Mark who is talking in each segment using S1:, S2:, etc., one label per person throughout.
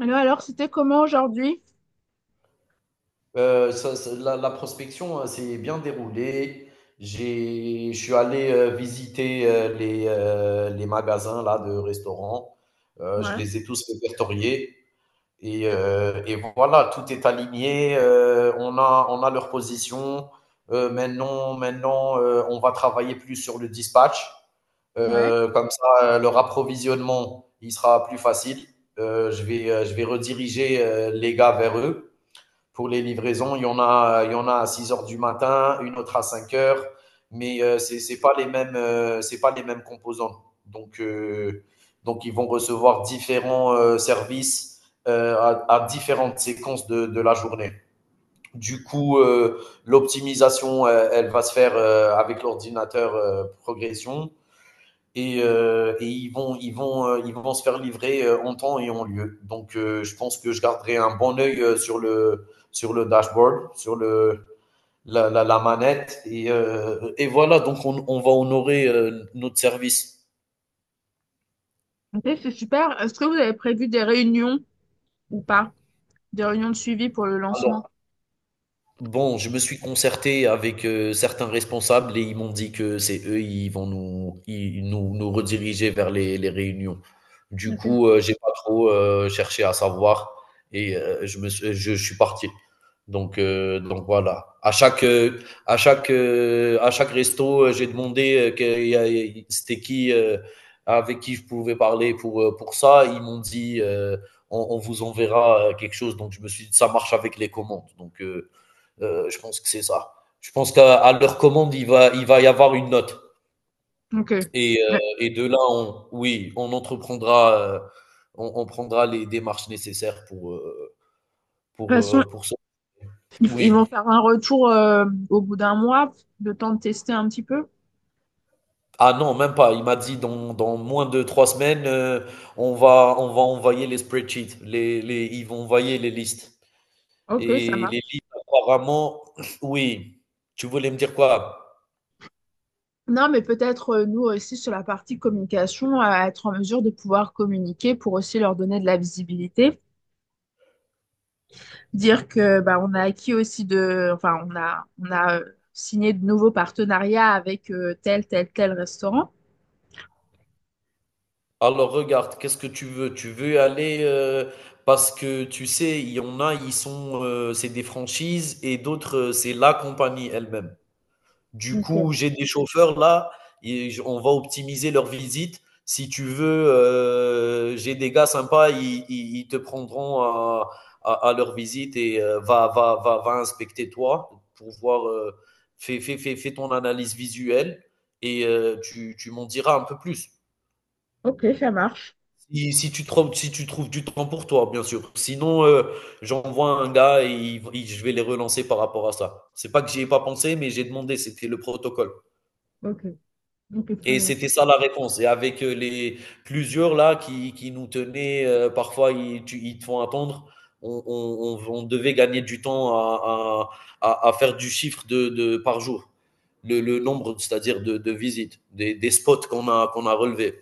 S1: Alors, c'était comment aujourd'hui?
S2: Ça ça la prospection, s'est bien déroulée. J'ai je suis allé, visiter, les magasins là de restaurants. Je
S1: Ouais,
S2: les ai tous répertoriés, et voilà, tout est aligné, on a leur position. Maintenant, on va travailler plus sur le dispatch.
S1: ouais.
S2: Comme ça, leur approvisionnement, il sera plus facile. Je vais rediriger, les gars vers eux pour les livraisons. Il y en a à 6 heures du matin, une autre à 5 heures, mais c'est pas les mêmes, c'est pas les mêmes composants. Donc, donc ils vont recevoir différents services à différentes séquences de la journée. Du coup, l'optimisation, elle va se faire avec l'ordinateur progression, et, et ils vont se faire livrer en temps et en lieu. Donc, je pense que je garderai un bon œil sur le dashboard, la manette. Et, et voilà, donc on va honorer notre service.
S1: Ok, c'est super. Est-ce que vous avez prévu des réunions ou pas? Des réunions de suivi pour le lancement?
S2: Alors, bon, je me suis concerté avec certains responsables et ils m'ont dit que c'est eux, ils vont nous, ils- nous rediriger vers les réunions. Du
S1: Ok.
S2: coup, j'ai pas trop cherché à savoir, et je suis parti. Donc voilà. À chaque resto, j'ai demandé c'était qui, avec qui je pouvais parler pour ça. Ils m'ont dit, on vous enverra quelque chose. Donc, je me suis dit, ça marche avec les commandes. Je pense que c'est ça. Je pense qu'à leur commande, il va y avoir une note.
S1: Ok. Ouais. De toute
S2: Et de là, oui, on entreprendra, on prendra les démarches nécessaires pour,
S1: façon,
S2: pour ça.
S1: ils vont
S2: Oui.
S1: faire un retour au bout d'un mois, le temps de tester un petit peu.
S2: Ah non, même pas. Il m'a dit dans moins de trois semaines. On va envoyer les spreadsheets. Ils vont envoyer les listes.
S1: Ok, ça
S2: Et les
S1: marche.
S2: listes, apparemment, oui. Tu voulais me dire quoi?
S1: Non, mais peut-être nous aussi sur la partie communication, à être en mesure de pouvoir communiquer pour aussi leur donner de la visibilité. Dire que bah, on a acquis aussi de, enfin, on a signé de nouveaux partenariats avec tel, tel, tel restaurant.
S2: Alors regarde, qu'est-ce que tu veux? Tu veux aller, parce que tu sais, il y en a, ils sont, c'est des franchises et d'autres, c'est la compagnie elle-même. Du
S1: Ok,
S2: coup, j'ai des chauffeurs là, on va optimiser leur visite. Si tu veux, j'ai des gars sympas, ils te prendront à, à leur visite, et va inspecter toi pour voir, fais ton analyse visuelle, et tu m'en diras un peu plus.
S1: ok, ça marche.
S2: Si tu trouves du temps pour toi, bien sûr. Sinon, j'envoie un gars et je vais les relancer par rapport à ça. C'est pas que j'y ai pas pensé, mais j'ai demandé, c'était le protocole.
S1: Ok, ok, très
S2: Et
S1: bien.
S2: c'était ça la réponse. Et avec les plusieurs là qui nous tenaient, parfois ils te font attendre. On devait gagner du temps à, à faire du chiffre par jour, le nombre, c'est-à-dire de visites, des spots qu'on a, qu'on a relevés.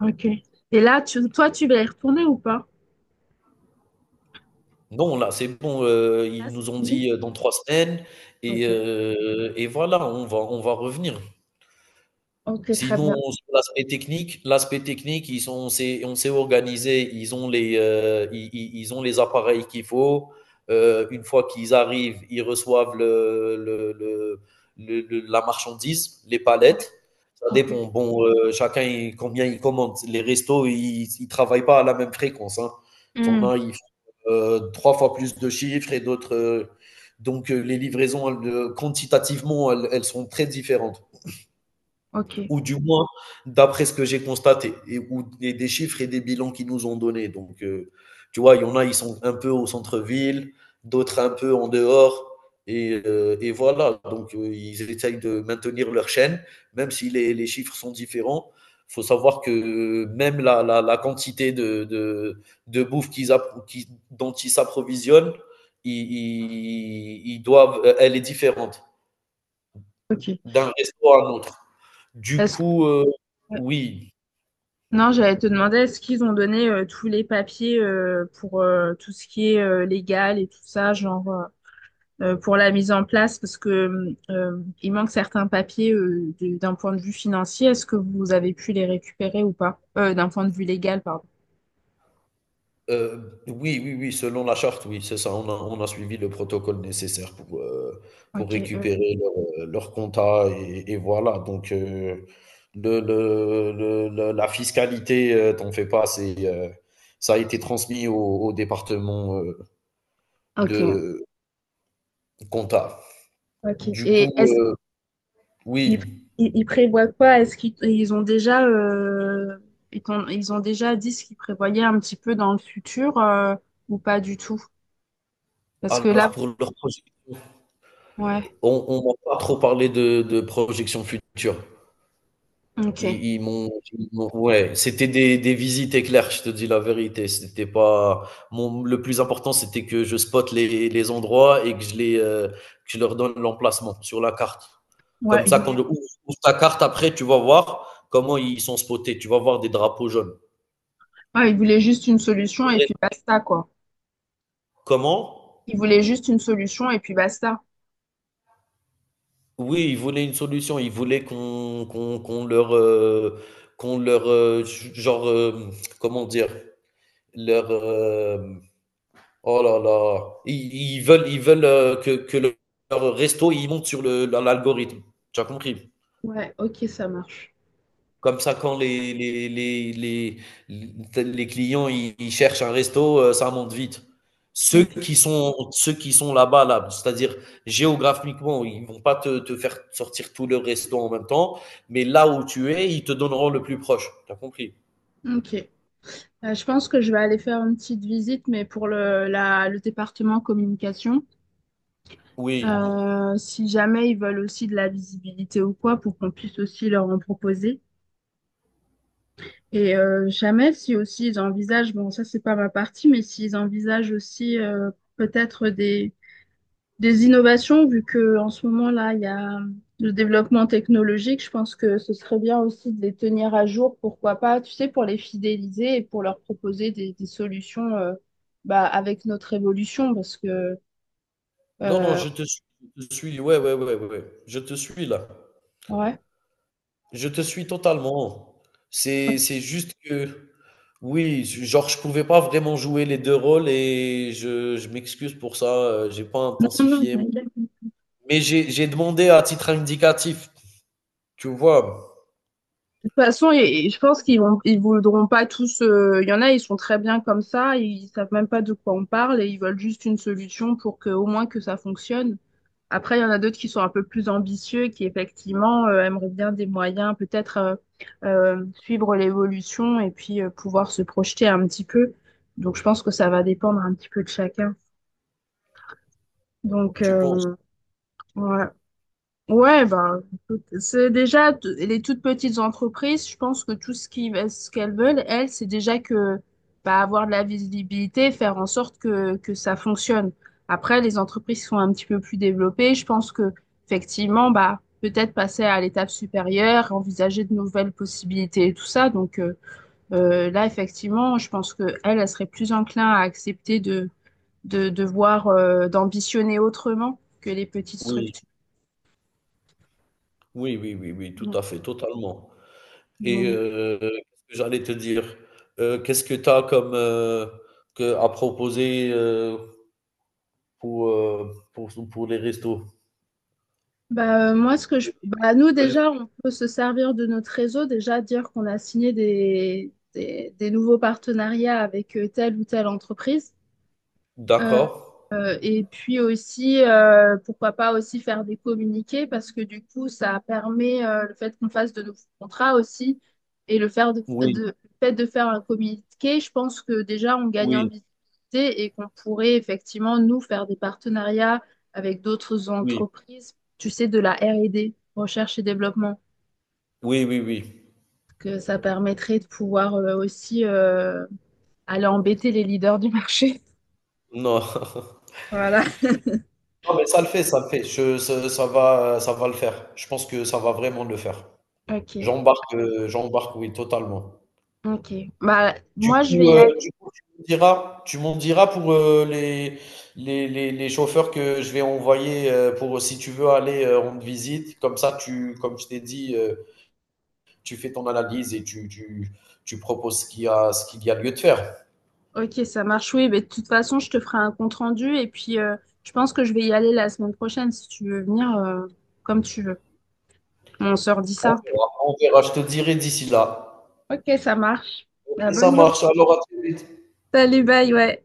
S1: Ok. Et là, tu, toi, tu vas y retourner ou pas?
S2: Non, là, c'est bon,
S1: Là,
S2: ils
S1: c'est
S2: nous ont
S1: fini?
S2: dit, dans 3 semaines,
S1: Ok,
S2: et voilà, on va revenir.
S1: ok, très
S2: Sinon,
S1: bien.
S2: sur l'aspect technique, ils sont, on s'est organisé, ils ont les, ils ont les appareils qu'il faut. Une fois qu'ils arrivent, ils reçoivent la marchandise, les
S1: Ouais,
S2: palettes. Ça
S1: ok,
S2: dépend. Bon, chacun, combien il commande. Les restos, ils travaillent pas à la même fréquence, hein. T'en
S1: hmm,
S2: as, ils font, trois fois plus de chiffres et d'autres. Les livraisons, elles, quantitativement, elles sont très différentes,
S1: ok.
S2: ou du moins d'après ce que j'ai constaté, et des chiffres et des bilans qu'ils nous ont donnés. Donc, tu vois, il y en a, ils sont un peu au centre-ville, d'autres un peu en dehors, et, et voilà. Donc, ils essayent de maintenir leur chaîne, même si les chiffres sont différents. Il faut savoir que même la quantité de bouffe dont ils s'approvisionnent, ils doivent, elle est différente
S1: Ok.
S2: d'un resto à un autre. Du
S1: Est-ce que...
S2: coup, heu,
S1: euh,
S2: oui,
S1: non, j'allais te demander, est-ce qu'ils ont donné tous les papiers pour tout ce qui est légal et tout ça, genre... pour la mise en place parce que il manque certains papiers de- d'un point de vue financier. Est-ce que vous avez pu les récupérer ou pas? D'un point de vue légal, pardon.
S2: oui, oui, oui, selon la charte, oui, c'est ça. On a suivi le protocole nécessaire pour
S1: Ok,
S2: récupérer leur, leur compta, et voilà. Donc, le la fiscalité, t'en fais pas, c'est, ça a été transmis au au département,
S1: ok,
S2: de compta.
S1: ok.
S2: Du
S1: Et
S2: coup,
S1: est-ce
S2: heu,
S1: qu'ils
S2: oui,
S1: ils, ils prévoient quoi? Est-ce qu'ils ont déjà ils, t'ont- ils ont déjà dit ce qu'ils prévoyaient un petit peu dans le futur ou pas du tout? Parce que
S2: alors
S1: là,
S2: pour leur projection,
S1: ouais,
S2: on m'a pas trop parlé de projection future.
S1: ok.
S2: Ils m'ont ouais, c'était des visites éclairs, je te dis la vérité. C'était pas mon le plus important, c'était que je spotte les endroits, et que je les, que je leur donne l'emplacement sur la carte.
S1: Ouais,
S2: Comme
S1: ils
S2: ça, quand
S1: voulaient,
S2: le ouvre ouvre ta carte après, tu vas voir comment ils sont spotés. Tu vas voir des drapeaux jaunes.
S1: ouais, ils voulaient juste une solution et puis basta, quoi.
S2: Comment?
S1: Ils voulaient juste une solution et puis basta.
S2: Oui, ils voulaient une solution. Ils voulaient qu'on leur, qu'on leur, heu, genre, hem, comment dire? Leur, hem oh là là, ils veulent que leur resto il monte sur dans l'algorithme. Tu as compris?
S1: Ouais, ok, ça marche.
S2: Comme ça, quand les clients ils cherchent un resto, ça monte vite.
S1: Ok,
S2: Ceux qui sont là-bas, là, c'est-à-dire géographiquement, ils vont pas te faire sortir tous leurs restos en même temps, mais là où tu es, ils te donneront le plus proche. Tu as compris?
S1: ok. Je pense que je vais aller faire une petite visite, mais pour le, la, le département communication,
S2: Oui.
S1: Si jamais ils veulent aussi de la visibilité ou quoi, pour qu'on puisse aussi leur en proposer. Et jamais, si aussi ils envisagent, bon, ça c'est pas ma partie, mais s'ils envisagent aussi peut-être des innovations, vu que en ce moment là, il y a le développement technologique, je pense que ce serait bien aussi de les tenir à jour, pourquoi pas, tu sais, pour les fidéliser et pour leur proposer des solutions bah, avec notre évolution, parce que
S2: Non, non,
S1: euh,
S2: je te suis. Je te suis. Ouais, ouais, ouais, ouais, ouais. Je te suis là.
S1: ouais.
S2: Je te suis totalement. C'est juste que oui, genre, je pouvais pas vraiment jouer les 2 rôles, et je m'excuse pour ça. J'ai pas
S1: Non, non,
S2: intensifié mon,
S1: t'inquiète.
S2: mais j'ai demandé à titre indicatif, tu vois?
S1: De toute façon, et je pense qu'ils vont, ils voudront pas tous. Euh, il y en a, ils sont très bien comme ça, ils savent même pas de quoi on parle et ils veulent juste une solution pour que au moins que ça fonctionne. Après, il y en a d'autres qui sont un peu plus ambitieux, qui effectivement aimeraient bien des moyens, peut-être suivre l'évolution et puis pouvoir se projeter un petit peu. Donc, je pense que ça va dépendre un petit peu de chacun. Donc,
S2: Tu penses?
S1: ouais. Ouais, ben, écoute, c'est déjà t- les toutes petites entreprises, je pense que tout ce qui, ce qu'elles veulent, elles, c'est déjà que bah, avoir de la visibilité, faire en sorte que ça fonctionne. Après, les entreprises qui sont un petit peu plus développées, je pense que effectivement, bah, peut-être passer à l'étape supérieure, envisager de nouvelles possibilités et tout ça. Donc là, effectivement, je pense que elles, elles seraient plus enclins à accepter de voir, d'ambitionner autrement que les petites
S2: Oui.
S1: structures.
S2: Oui, oui, oui, oui, tout à fait, totalement, et
S1: Ouais.
S2: j'allais te dire, qu'est-ce que tu as comme, que à proposer, pour, pour les restos?
S1: Bah, moi, ce que je... bah, nous, déjà, on peut se servir de notre réseau, déjà dire qu'on a signé des nouveaux partenariats avec telle ou telle entreprise. Euh,
S2: D'accord.
S1: et puis aussi, pourquoi pas aussi faire des communiqués parce que du coup, ça permet le fait qu'on fasse de nouveaux contrats aussi et le faire
S2: Oui,
S1: de- le fait de faire un communiqué, je pense que déjà on gagne en
S2: oui,
S1: visibilité et qu'on pourrait effectivement nous faire des partenariats avec d'autres
S2: oui.
S1: entreprises, tu sais, de la R&D, recherche et développement,
S2: Oui, oui, oui.
S1: que ça permettrait de pouvoir aussi aller embêter les leaders du marché.
S2: Non.
S1: Voilà.
S2: Non, mais ça le fait, ça le fait. Je ce ça va le faire. Je pense que ça va vraiment le faire.
S1: Ok.
S2: J'embarque, j'embarque, oui, totalement.
S1: Ok. Bah, moi, je vais y
S2: Du
S1: aller.
S2: coup, tu m'en diras pour, heu, les chauffeurs que je vais envoyer, pour si tu veux aller, rendre visite. Comme ça, tu comme je t'ai dit, tu fais ton analyse, et tu tu proposes ce qu'il y a lieu de faire.
S1: Ok, ça marche. Oui, mais de toute façon, je te ferai un compte-rendu et puis je pense que je vais y aller la semaine prochaine si tu veux venir comme tu veux. On se redit ça.
S2: On verra, je te dirai d'ici là.
S1: Ok, ça marche. Bah,
S2: OK, ça
S1: bonne journée.
S2: marche, alors à très vite.
S1: Salut, bye, ouais.